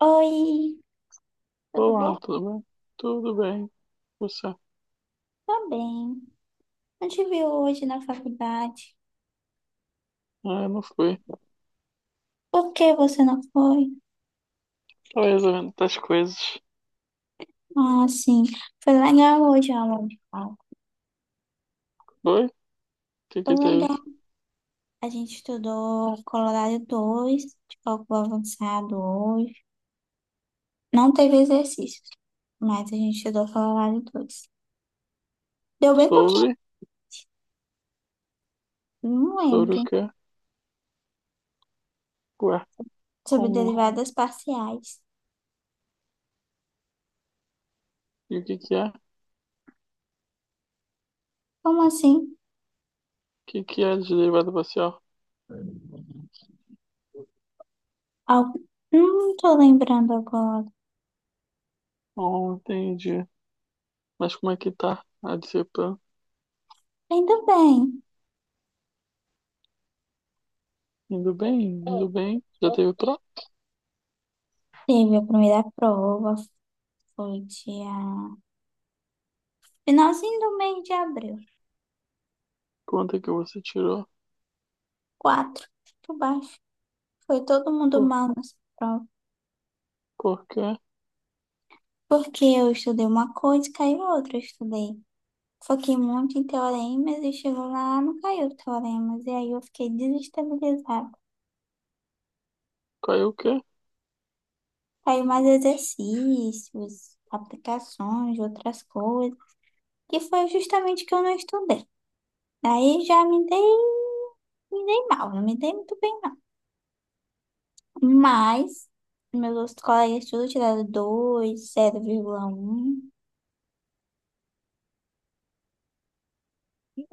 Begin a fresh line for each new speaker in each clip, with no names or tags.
Oi, tudo
Olá,
bom?
tudo bem? Tudo bem. Você?
Tá bem. Não te vi hoje na faculdade.
Ah, eu não fui.
Por que você não foi?
Estava resolvendo outras coisas.
Ah, sim. Foi legal hoje a aula de cálculo.
Oi? O que
Foi
que teve?
legal. A gente estudou Colorado 2 de cálculo avançado hoje. Não teve exercícios, mas a gente estudou Colorado dois. Deu bem pouquinho.
Sobre?
Não
Sobre
lembro.
o quê? Ué,
Sobre
como não?
derivadas parciais.
E o que que é? O
Como assim?
que que é de derivada parcial?
Algo... Não tô lembrando agora.
Não entendi. Mas como é que tá a disciplina?
Ainda bem.
Indo bem? Indo bem? Já teve prova?
Teve a primeira prova, foi dia... Finalzinho do mês de abril.
Quanto é que você tirou?
Quatro, por baixo. Foi todo mundo
Por,
mal nessa prova.
por quê?
Porque eu estudei uma coisa e caiu outra. Eu estudei. Foquei muito em teoremas e chegou lá, não caiu teoremas. E aí eu fiquei desestabilizada.
Caiu o quê?
Caiu mais exercícios, aplicações, outras coisas. Que foi justamente que eu não estudei. Daí já me dei mal, não me dei muito bem, não. Mas meus colegas todos tiraram dois, 0,1.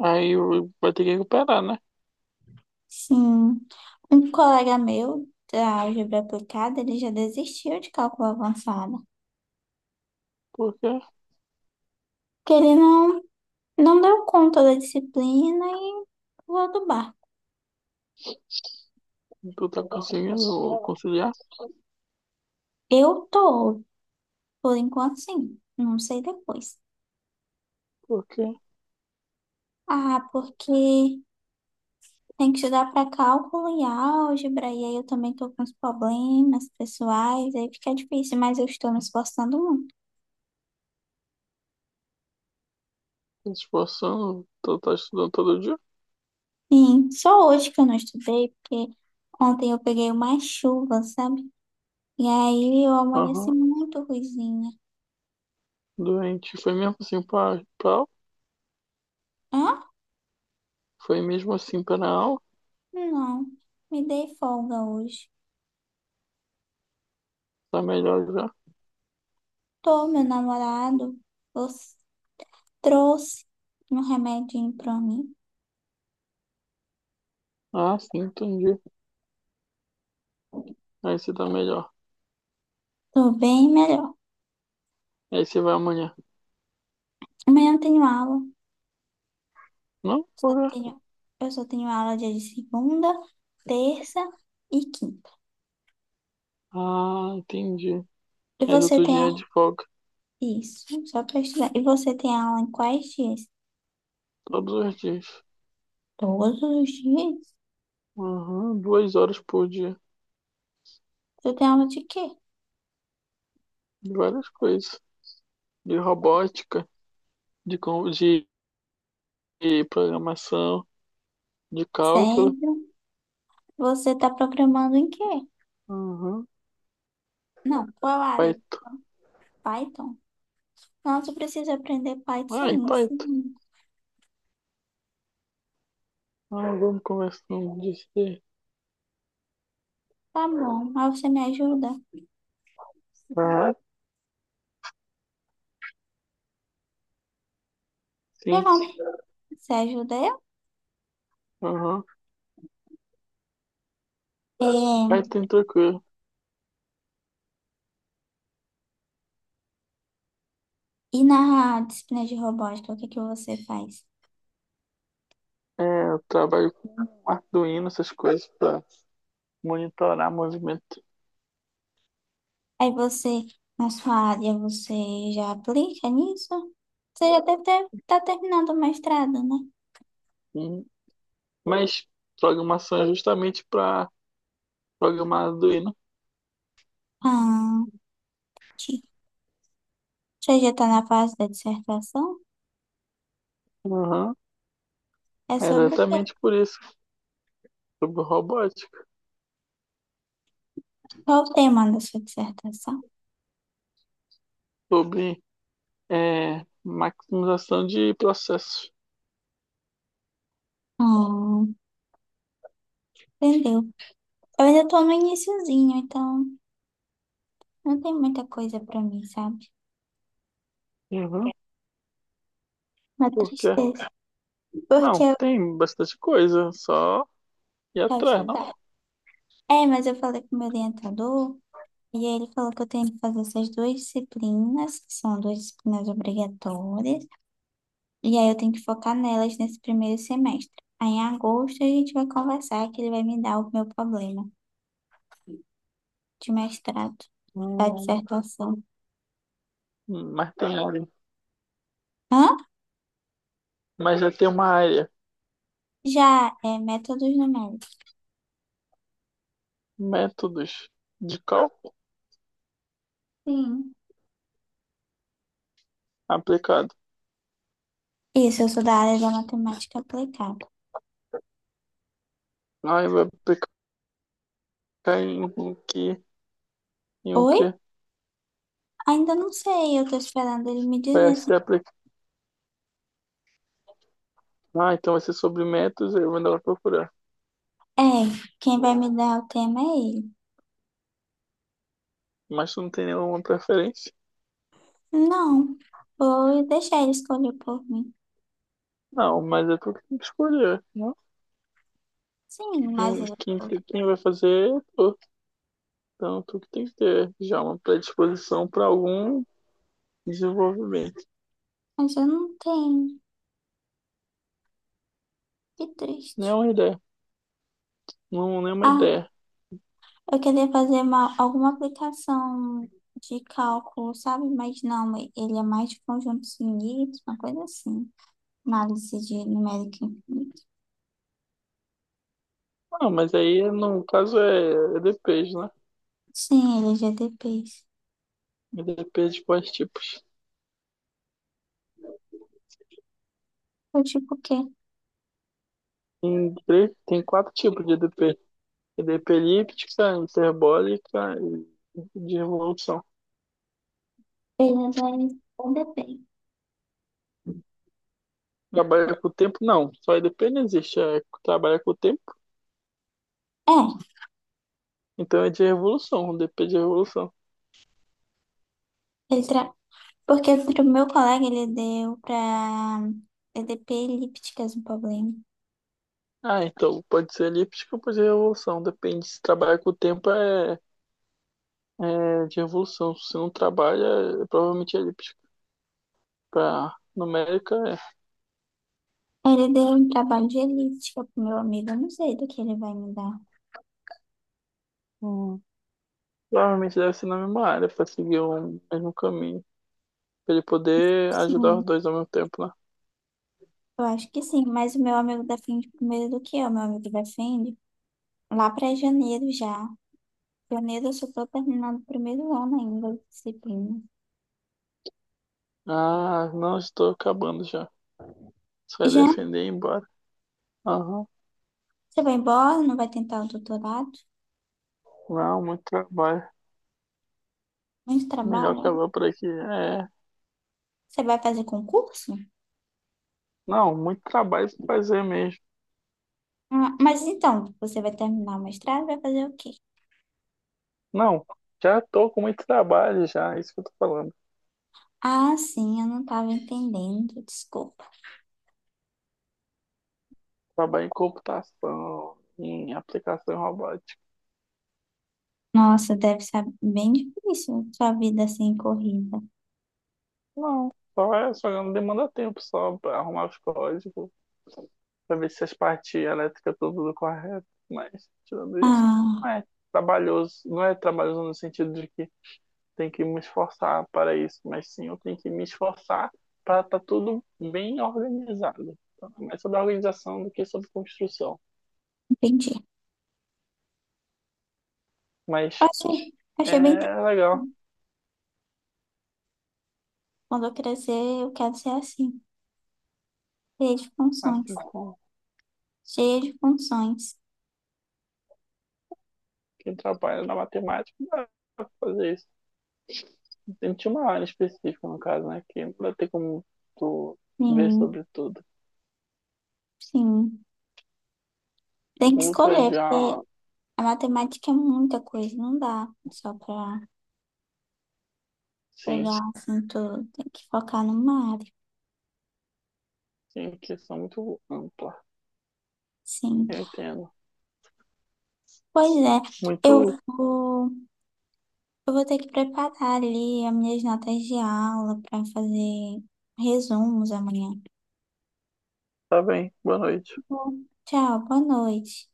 Vai ter que recuperar, né?
Sim. Um colega meu da álgebra aplicada, ele já desistiu de cálculo avançado.
Por quê?
Porque ele não deu conta da disciplina e pulou do barco.
Tu tá conseguindo conciliar?
Eu tô, por enquanto, sim. Não sei depois.
Por quê?
Ah, porque tem que estudar para cálculo e álgebra, e aí eu também tô com uns problemas pessoais, aí fica difícil, mas eu estou me esforçando muito.
Se esforçando, tá, tá estudando todo dia?
Sim, só hoje que eu não estudei, porque ontem eu peguei uma chuva, sabe? E aí eu amanheci
Aham.
muito ruizinha.
Doente. Foi mesmo assim pra aula?
Hã?
Foi mesmo assim pra aula?
Não, me dei folga hoje.
Tá melhor já?
Tô, meu namorado os- trouxe um remedinho pra mim.
Ah, sim, entendi. Aí você tá melhor.
Tô bem melhor.
Aí você vai amanhã.
Amanhã eu tenho aula.
Não,
Só
porra.
tenho, eu só tenho aula dia de segunda, terça e quinta.
Ah, entendi.
E
Mas
você
outro
tem
dia é de
a...
folga.
Isso, só para estudar. E você tem aula em quais dias?
Todos os dias.
Todos os dias?
Aham. Duas horas por dia.
Você tem aula de quê?
De várias coisas. De robótica, de, com- de de programação, de cálculo.
Sério? Você está programando em quê?
Aham.
Não, qual área?
Python.
Python? Nossa, eu preciso aprender
Ah,
Python.
em
Me
Python.
ensina.
Ah, vamos conversando disso aí.
Tá bom, mas você me ajuda?
Ah,
Tá
sim.
bom. Você ajuda eu?
Aham.
É,
Aí tem tranquilo.
e na disciplina de robótica, o que que você faz?
É, eu trabalho com Arduino, essas coisas, para monitorar movimento.
Aí você, na sua área, você já aplica nisso? Você já deve estar terminando o mestrado, né?
Hum, Mas programação é justamente para programar Arduino.
Ah, que- você já está na fase da dissertação?
Aham.
É
É
sobre o quê?
exatamente por isso. Sobre robótica,
Qual o tema da sua dissertação?
sobre maximização de processos.
Ah, entendeu? Eu ainda estou no iniciozinho, então não tem muita coisa para mim, sabe?
Uhum.
Uma
Porque,
tristeza. Porque
não,
eu
tem bastante coisa, só ir
estava
atrás, não?
estudando. É, mas eu falei com o meu orientador, e aí ele falou que eu tenho que fazer essas duas disciplinas, que são duas disciplinas obrigatórias. E aí eu tenho que focar nelas nesse primeiro semestre. Aí em agosto a gente vai conversar que ele vai me dar o meu problema de mestrado, da
Hum,
dissertação.
Mas tem área.
Hã?
Mas já tem uma área,
Já é métodos numéricos.
métodos de cálculo
Sim.
aplicado.
Isso, eu sou da área da matemática aplicada.
Ai, vai aplicar em o que, em o
Oi?
que
Ainda não sei, eu tô esperando ele me dizer
vai
assim.
ser aplicado. Ah, então vai ser sobre métodos, eu vou ela procurar.
É, quem vai me dar o tema é ele.
Mas tu não tem nenhuma preferência?
Não, vou deixar ele escolher por mim.
Não, mas é tu que tem que escolher, né?
Sim, mas
Quem,
ele falou,
quem vai fazer é tu. Então tu que tem que ter já uma predisposição para algum desenvolvimento.
mas eu não tenho. Que triste.
Nenhuma ideia. Não, nenhuma
Ah.
ideia.
Eu queria fazer uma, alguma aplicação de cálculo, sabe? Mas não, ele é mais de conjunto finito, uma coisa assim. Análise de numérica infinita.
Ah, mas aí no caso é EDPs, né?
Sim, ele é GDPs.
EDPs de quais tipos?
Eu tipo o quê?
Tem quatro tipos de EDP. EDP elíptica, hiperbólica e de revolução.
Ele vai ainda bem.
Trabalha com o tempo? Não, só EDP não existe. É, trabalha com o tempo,
É,
então é de revolução, DP de revolução.
ele tra... porque o meu colega ele deu pra EDP elípticas um problema.
Ah, então pode ser elíptica ou pode ser revolução. Depende se trabalha com o tempo é de revolução. Se não trabalha, provavelmente é elíptica. Para numérica, é.
Ele deu um trabalho de elíptica pro meu amigo, eu não sei do que ele vai me dar.
Hum, Provavelmente deve ser na mesma área, para seguir o mesmo caminho. Para ele poder ajudar
Sim.
os dois ao mesmo tempo, né?
Eu acho que sim, mas o meu amigo defende primeiro do que eu. Meu amigo defende lá para janeiro já. Janeiro eu só estou terminando o primeiro ano ainda de disciplina.
Ah, não, estou acabando já. Você vai
Já
defender e ir embora. Aham.
você vai embora, não vai tentar o doutorado,
Não, muito trabalho.
muito
Melhor
trabalho.
acabar por aqui. É.
Você vai fazer concurso?
Não, muito trabalho pra fazer mesmo.
Ah, mas então, você vai terminar o mestrado, vai fazer o quê?
Não, já tô com muito trabalho já, é isso que eu tô falando.
Ah, sim, eu não estava entendendo, desculpa.
Trabalho em computação, em aplicação robótica.
Nossa, deve ser bem difícil sua vida assim corrida.
Não, só é, só não demanda tempo só pra arrumar os códigos, pra ver se as partes elétricas estão tudo correto. Mas, tirando isso,
Ah,
não é trabalhoso. Não é trabalhoso no sentido de que tenho que me esforçar para isso, mas sim eu tenho que me esforçar para estar tá tudo bem organizado. Então, é mais sobre organização do que sobre construção.
entendi.
Mas
Achei, achei bem.
é legal,
Quando eu crescer, eu quero ser assim, cheia de funções.
assim como
Cheia de funções.
quem trabalha na matemática dá pra fazer isso. Tem Tinha uma área específica, no caso, né? Que não vai ter como tu ver
Sim,
sobre tudo.
sim. Tem que
Outro é
escolher,
de ah,
porque a matemática é muita coisa, não dá só para
sim,
pegar assim tudo. Tem que focar numa área.
sim, questão muito ampla.
Sim.
Eu entendo.
Pois é, eu
Muito.
vou, eu vou ter que preparar ali as minhas notas de aula para fazer resumos amanhã.
Tá bem, boa noite.
Tá bom? Tchau, boa noite.